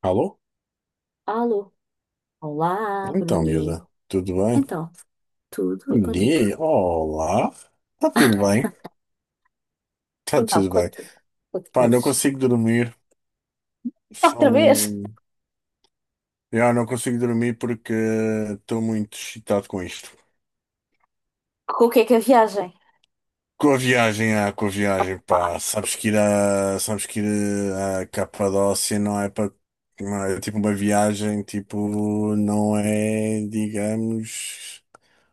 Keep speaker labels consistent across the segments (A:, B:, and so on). A: Alô?
B: Alô. Olá,
A: Então,
B: Bruni.
A: miúda, tudo bem?
B: Então, tudo e
A: Bom
B: contigo?
A: dia, olá. Está tudo bem? Está
B: Então,
A: tudo bem.
B: quanto, quanto
A: Pá, não
B: coisas?
A: consigo dormir.
B: Outra vez?
A: São. Eu não consigo dormir porque estou muito excitado com isto.
B: Com o que é a viagem?
A: Com a viagem, ah, com a viagem,
B: Opa.
A: pá. Sabes que ir a Capadócia não é para. Não é tipo uma viagem, tipo, não é, digamos.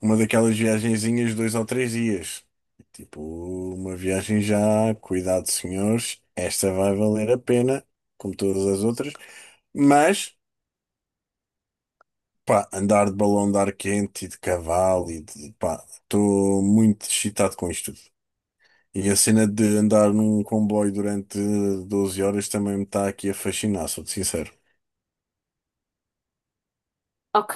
A: Uma daquelas viagenzinhas de 2 ou 3 dias. Tipo, uma viagem já, cuidado, senhores, esta vai valer a pena, como todas as outras. Mas, pá, andar de balão de ar quente e de cavalo e de, pá, estou muito excitado com isto tudo. E a cena de andar num comboio durante 12 horas também me está aqui a fascinar, sou-te sincero.
B: Ok.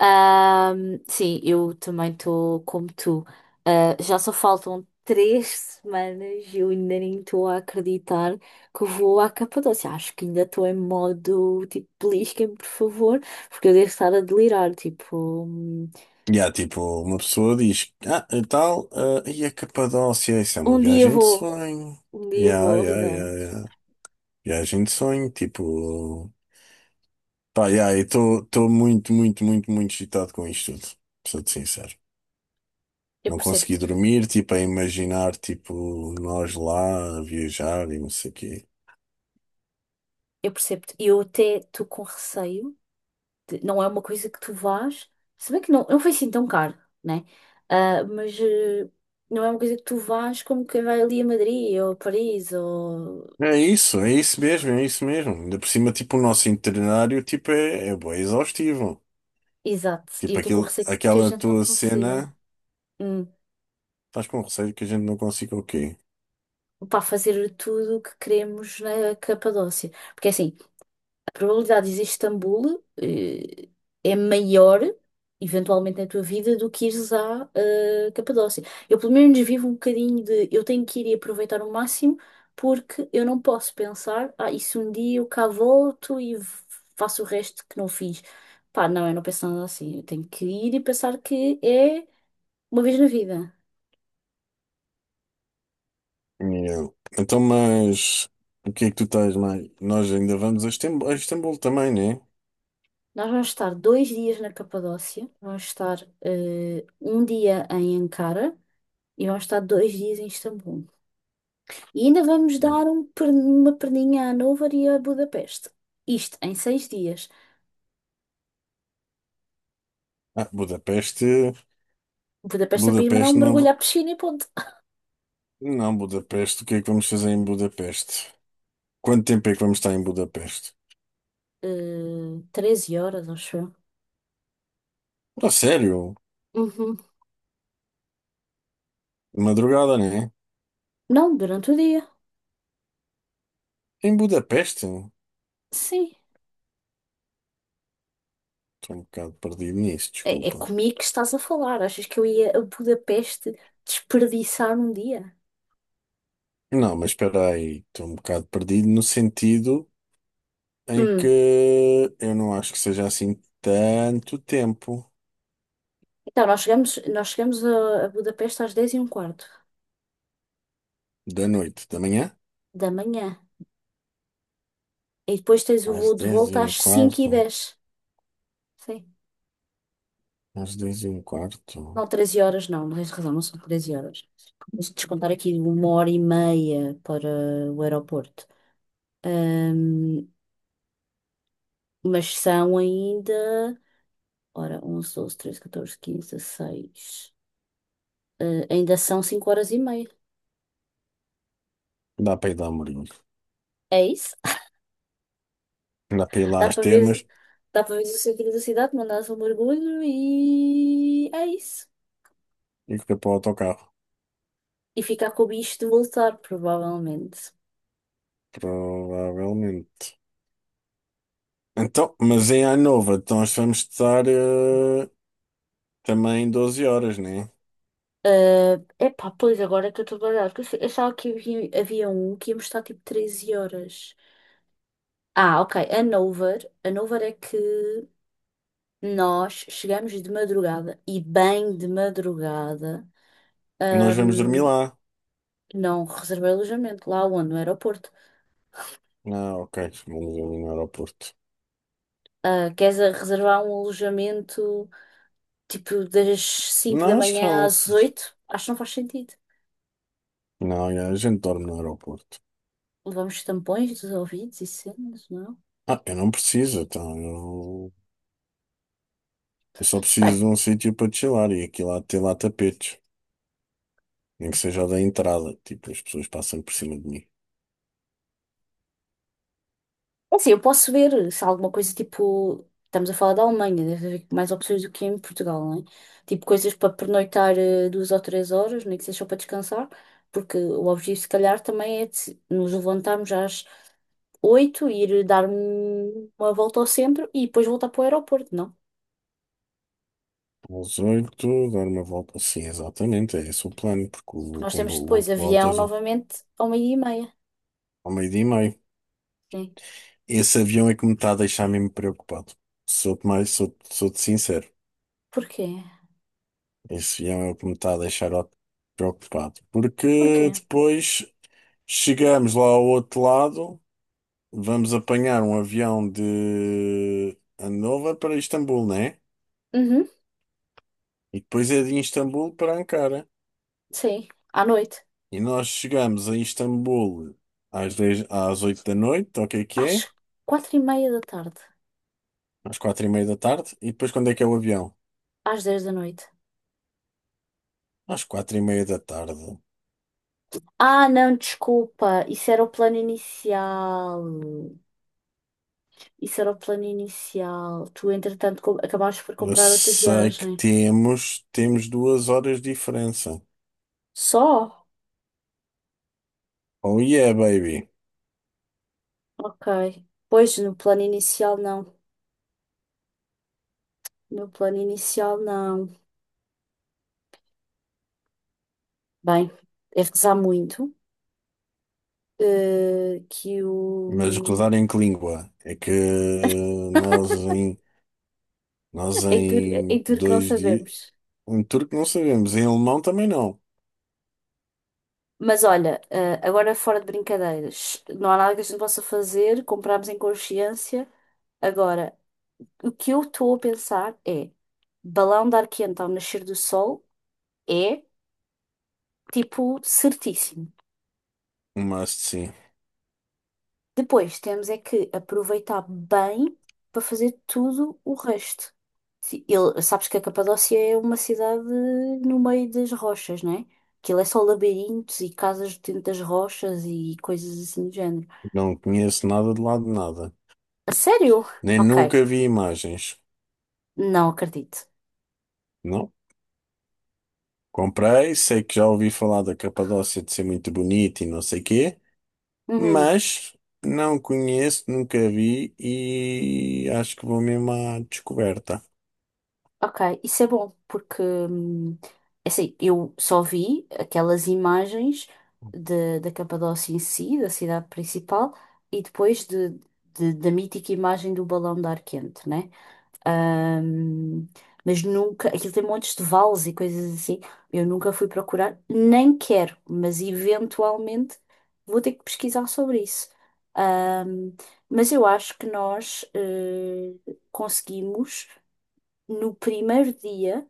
B: Sim, eu também estou como tu. Ah, já só faltam três semanas e eu ainda nem estou a acreditar que vou à Capadócia. Acho que ainda estou em modo tipo, belisquem-me, por favor, porque eu devo estar a delirar. Tipo, um,
A: E há tipo, uma pessoa diz, ah, e tal, ah, e a Capadócia, isso é uma
B: um dia
A: viagem de
B: vou,
A: sonho.
B: um dia
A: Yeah,
B: vou,
A: yeah,
B: Rita.
A: yeah, yeah. Viagem de sonho, tipo. Pá, yeah, eu estou muito, muito, muito, muito excitado com isto tudo. Sou-te sincero.
B: Eu
A: Não
B: percebo.
A: consegui dormir, tipo, a imaginar, tipo, nós lá a viajar e não sei o quê.
B: Eu percebo-te. E eu até estou com receio. Não é uma coisa que tu vás. Se bem que não foi assim tão caro, né? Ah, mas não é uma coisa que tu vás como quem vai ali a Madrid ou a Paris ou.
A: É isso mesmo, é isso mesmo. Ainda por cima, tipo, o nosso itinerário, tipo, é bué exaustivo.
B: Exato. E eu
A: Tipo,
B: estou com
A: aquilo,
B: receio que a
A: aquela
B: gente não
A: tua
B: consiga.
A: cena,
B: Hum.
A: estás com receio que a gente não consiga o quê?
B: Para fazer tudo o que queremos na Capadócia. Porque assim, a probabilidade de ires a Istambul é maior, eventualmente, na tua vida do que ires à Capadócia. Eu, pelo menos, vivo um bocadinho de eu tenho que ir e aproveitar o máximo, porque eu não posso pensar, ah, isso um dia eu cá volto e faço o resto que não fiz. Pá, não, eu não penso nada assim. Eu tenho que ir e pensar que é uma vez na vida.
A: Yeah. Então, mas, o que é que tu estás mais? Nós ainda vamos a Istambul, também, né?
B: Nós vamos estar dois dias na Capadócia, vamos estar um dia em Ankara e vamos estar dois dias em Istambul. E ainda vamos dar uma perninha a Hannover e a Budapeste. Isto em seis dias.
A: Ah, Budapeste.
B: Budapeste é para ir mandar um
A: Budapeste
B: mergulho
A: não.
B: à piscina e ponto.
A: Não, Budapeste. O que é que vamos fazer em Budapeste? Quanto tempo é que vamos estar em Budapeste?
B: 13 horas, acho eu.
A: Ah, sério?
B: Uhum.
A: De madrugada, né?
B: Não, durante o dia.
A: Em Budapeste?
B: Sim.
A: Estou um bocado perdido nisso,
B: É, é
A: desculpa.
B: comigo que estás a falar. Achas que eu ia a Budapeste desperdiçar um dia?
A: Não, mas espera aí. Estou um bocado perdido no sentido em
B: Hum.
A: que eu não acho que seja assim tanto tempo.
B: Então, a Budapeste às 10 e um quarto
A: Da noite, da manhã?
B: da manhã. E depois tens o
A: Às
B: voo de
A: 10 e
B: volta
A: um
B: às 5 e
A: quarto.
B: dez. Sim.
A: Às dez e um quarto.
B: Não, 13 horas não, não tens razão, não são 13 horas. Vamos descontar aqui uma hora e meia para o aeroporto. Ahm, mas são ainda. Ora, 11, 12, 13, 14, 15, 16. Ah, ainda são 5 horas e meia.
A: Dá para ir lá, a Mourinho.
B: É isso?
A: Dá para ir lá
B: Dá
A: às
B: para
A: termas.
B: ver, dá para ver o centro da cidade, mandar um mergulho e. É isso.
A: E fica para o autocarro,
B: E ficar com o bicho de voltar, provavelmente.
A: provavelmente. Então, mas em Anova, então nós vamos estar eh, também 12 horas, né?
B: É, epá, pois agora é que eu estou baralhada. Porque eu achava que havia um que ia mostrar tipo 13 horas. Ah, ok. A Nover. A Nover é que nós chegamos de madrugada e bem de madrugada.
A: Nós vamos dormir
B: ahm,
A: lá.
B: não reservei alojamento lá onde, no aeroporto.
A: Ah, ok, vamos dormir no aeroporto.
B: Ah, queres reservar um alojamento tipo das 5 da
A: Nós
B: manhã
A: não.
B: às 8? Acho que não faz sentido.
A: Não, é, a gente dorme no aeroporto.
B: Levamos tampões dos ouvidos e cenas, não?
A: Ah, eu não preciso, então eu só preciso de um sítio para chilar e aqui lá ter lá tapetes. Nem que seja o da entrada, tipo, as pessoas passam por cima de mim.
B: É assim, eu posso ver se há alguma coisa tipo. Estamos a falar da Alemanha, deve haver mais opções do que em Portugal, não é? Tipo coisas para pernoitar duas ou três horas, nem que seja só para descansar, porque o objetivo, se calhar, também é de nos levantarmos às oito, e ir dar uma volta ao centro e depois voltar para o aeroporto, não?
A: Às oito, dar uma volta. Sim, exatamente, é esse o plano, porque
B: Porque
A: o
B: nós temos
A: comboio,
B: depois
A: o
B: avião novamente ao meio-dia e meia.
A: ao meio-dia e meio.
B: Sim.
A: Esse avião é que me está a deixar mesmo preocupado. Sou-te mais, sou-te sincero.
B: Porquê?
A: Esse avião é o que me está a deixar preocupado.
B: Porquê?
A: Porque depois chegamos lá ao outro lado, vamos apanhar um avião de Hannover para Istambul, né?
B: Uhum,
A: E depois é de Istambul para Ankara.
B: sim. À noite.
A: E nós chegamos a Istambul às 10, às 8 da noite, ou o que é que é?
B: Às quatro e meia da tarde.
A: Às 4h30 da tarde. E depois quando é que é o avião?
B: Às dez da noite.
A: Às 4 e meia da tarde.
B: Ah, não, desculpa. Isso era o plano inicial. Isso era o plano inicial. Tu, entretanto, acabaste por
A: Eu
B: comprar outra
A: sei que
B: viagem.
A: temos, temos 2 horas de diferença.
B: Só?
A: Oh yeah, baby.
B: Ok. Pois, no plano inicial, não. No plano inicial, não. Bem, é rezar muito. Que
A: Mas
B: o.
A: rodar em que língua? É que nós
B: É duro, é
A: em
B: duro que não
A: 2 dias.
B: sabemos.
A: Em turco não sabemos, em alemão também não.
B: Mas olha, agora fora de brincadeiras, não há nada que a gente possa fazer. Comprámos em consciência. Agora, o que eu estou a pensar é: balão de ar quente ao nascer do sol é tipo certíssimo.
A: Mas sim,
B: Depois temos é que aproveitar bem para fazer tudo o resto. Sabes que a Capadócia é uma cidade no meio das rochas, não é? Aquilo é só labirintos e casas dentro das rochas e coisas assim do género.
A: não conheço nada de lado de nada.
B: A sério?
A: Nem
B: Ok,
A: nunca vi imagens.
B: não acredito.
A: Não? Comprei, sei que já ouvi falar da Capadócia de ser muito bonita e não sei quê,
B: Uhum.
A: mas não conheço, nunca vi e acho que vou mesmo à descoberta.
B: Ok, isso é bom, porque é assim, eu só vi aquelas imagens da Capadócia em si, da cidade principal, e depois da mítica imagem do balão de ar quente, né? Hum, mas nunca, aquilo tem montes de vales e coisas assim, eu nunca fui procurar, nem quero, mas eventualmente vou ter que pesquisar sobre isso. Hum, mas eu acho que nós conseguimos no primeiro dia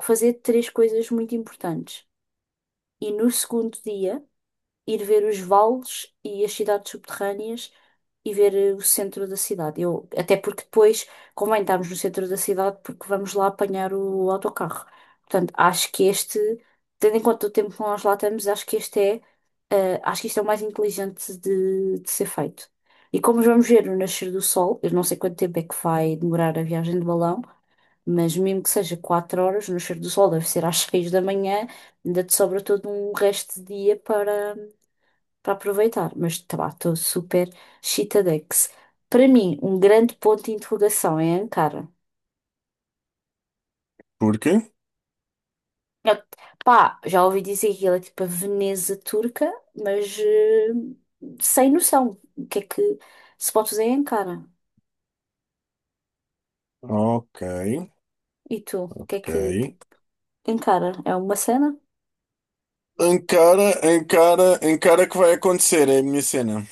B: fazer três coisas muito importantes e no segundo dia ir ver os vales e as cidades subterrâneas e ver o centro da cidade. Eu, até porque depois convém estarmos no centro da cidade porque vamos lá apanhar o autocarro. Portanto, acho que este, tendo em conta o tempo que nós lá estamos, acho que este é, acho que isto é o mais inteligente de ser feito. E como vamos ver o nascer do sol, eu não sei quanto tempo é que vai demorar a viagem de balão. Mas mesmo que seja 4 horas, no cheiro do sol deve ser às 6 da manhã, ainda te sobra todo um resto de dia para aproveitar. Mas tá, lá, estou super chitadex. Para mim, um grande ponto de interrogação é Ankara.
A: Porque?
B: Eu- Pá, já ouvi dizer que ela é tipo a Veneza turca, mas sem noção. O que é que se pode fazer em Ankara?
A: Ok,
B: E tu, o que é
A: ok.
B: que Ankara? É uma cena?
A: Encara, encara, encara que vai acontecer, é a minha cena.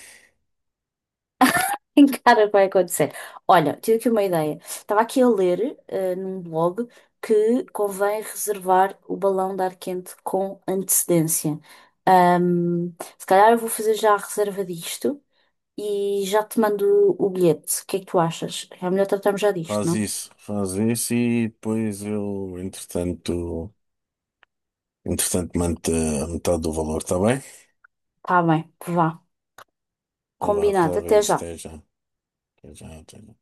B: Cara, vai acontecer. Olha, tive aqui uma ideia. Estava aqui a ler num blog que convém reservar o balão de ar quente com antecedência. Se calhar eu vou fazer já a reserva disto e já te mando o bilhete. O que é que tu achas? É melhor tratarmos já disto, não?
A: Faz isso e depois eu, entretanto, mando a metade do valor, está bem?
B: Tá bem, vá.
A: Então vá,
B: Combinado.
A: reserva
B: Até
A: isso,
B: já.
A: até já. Até já, até já.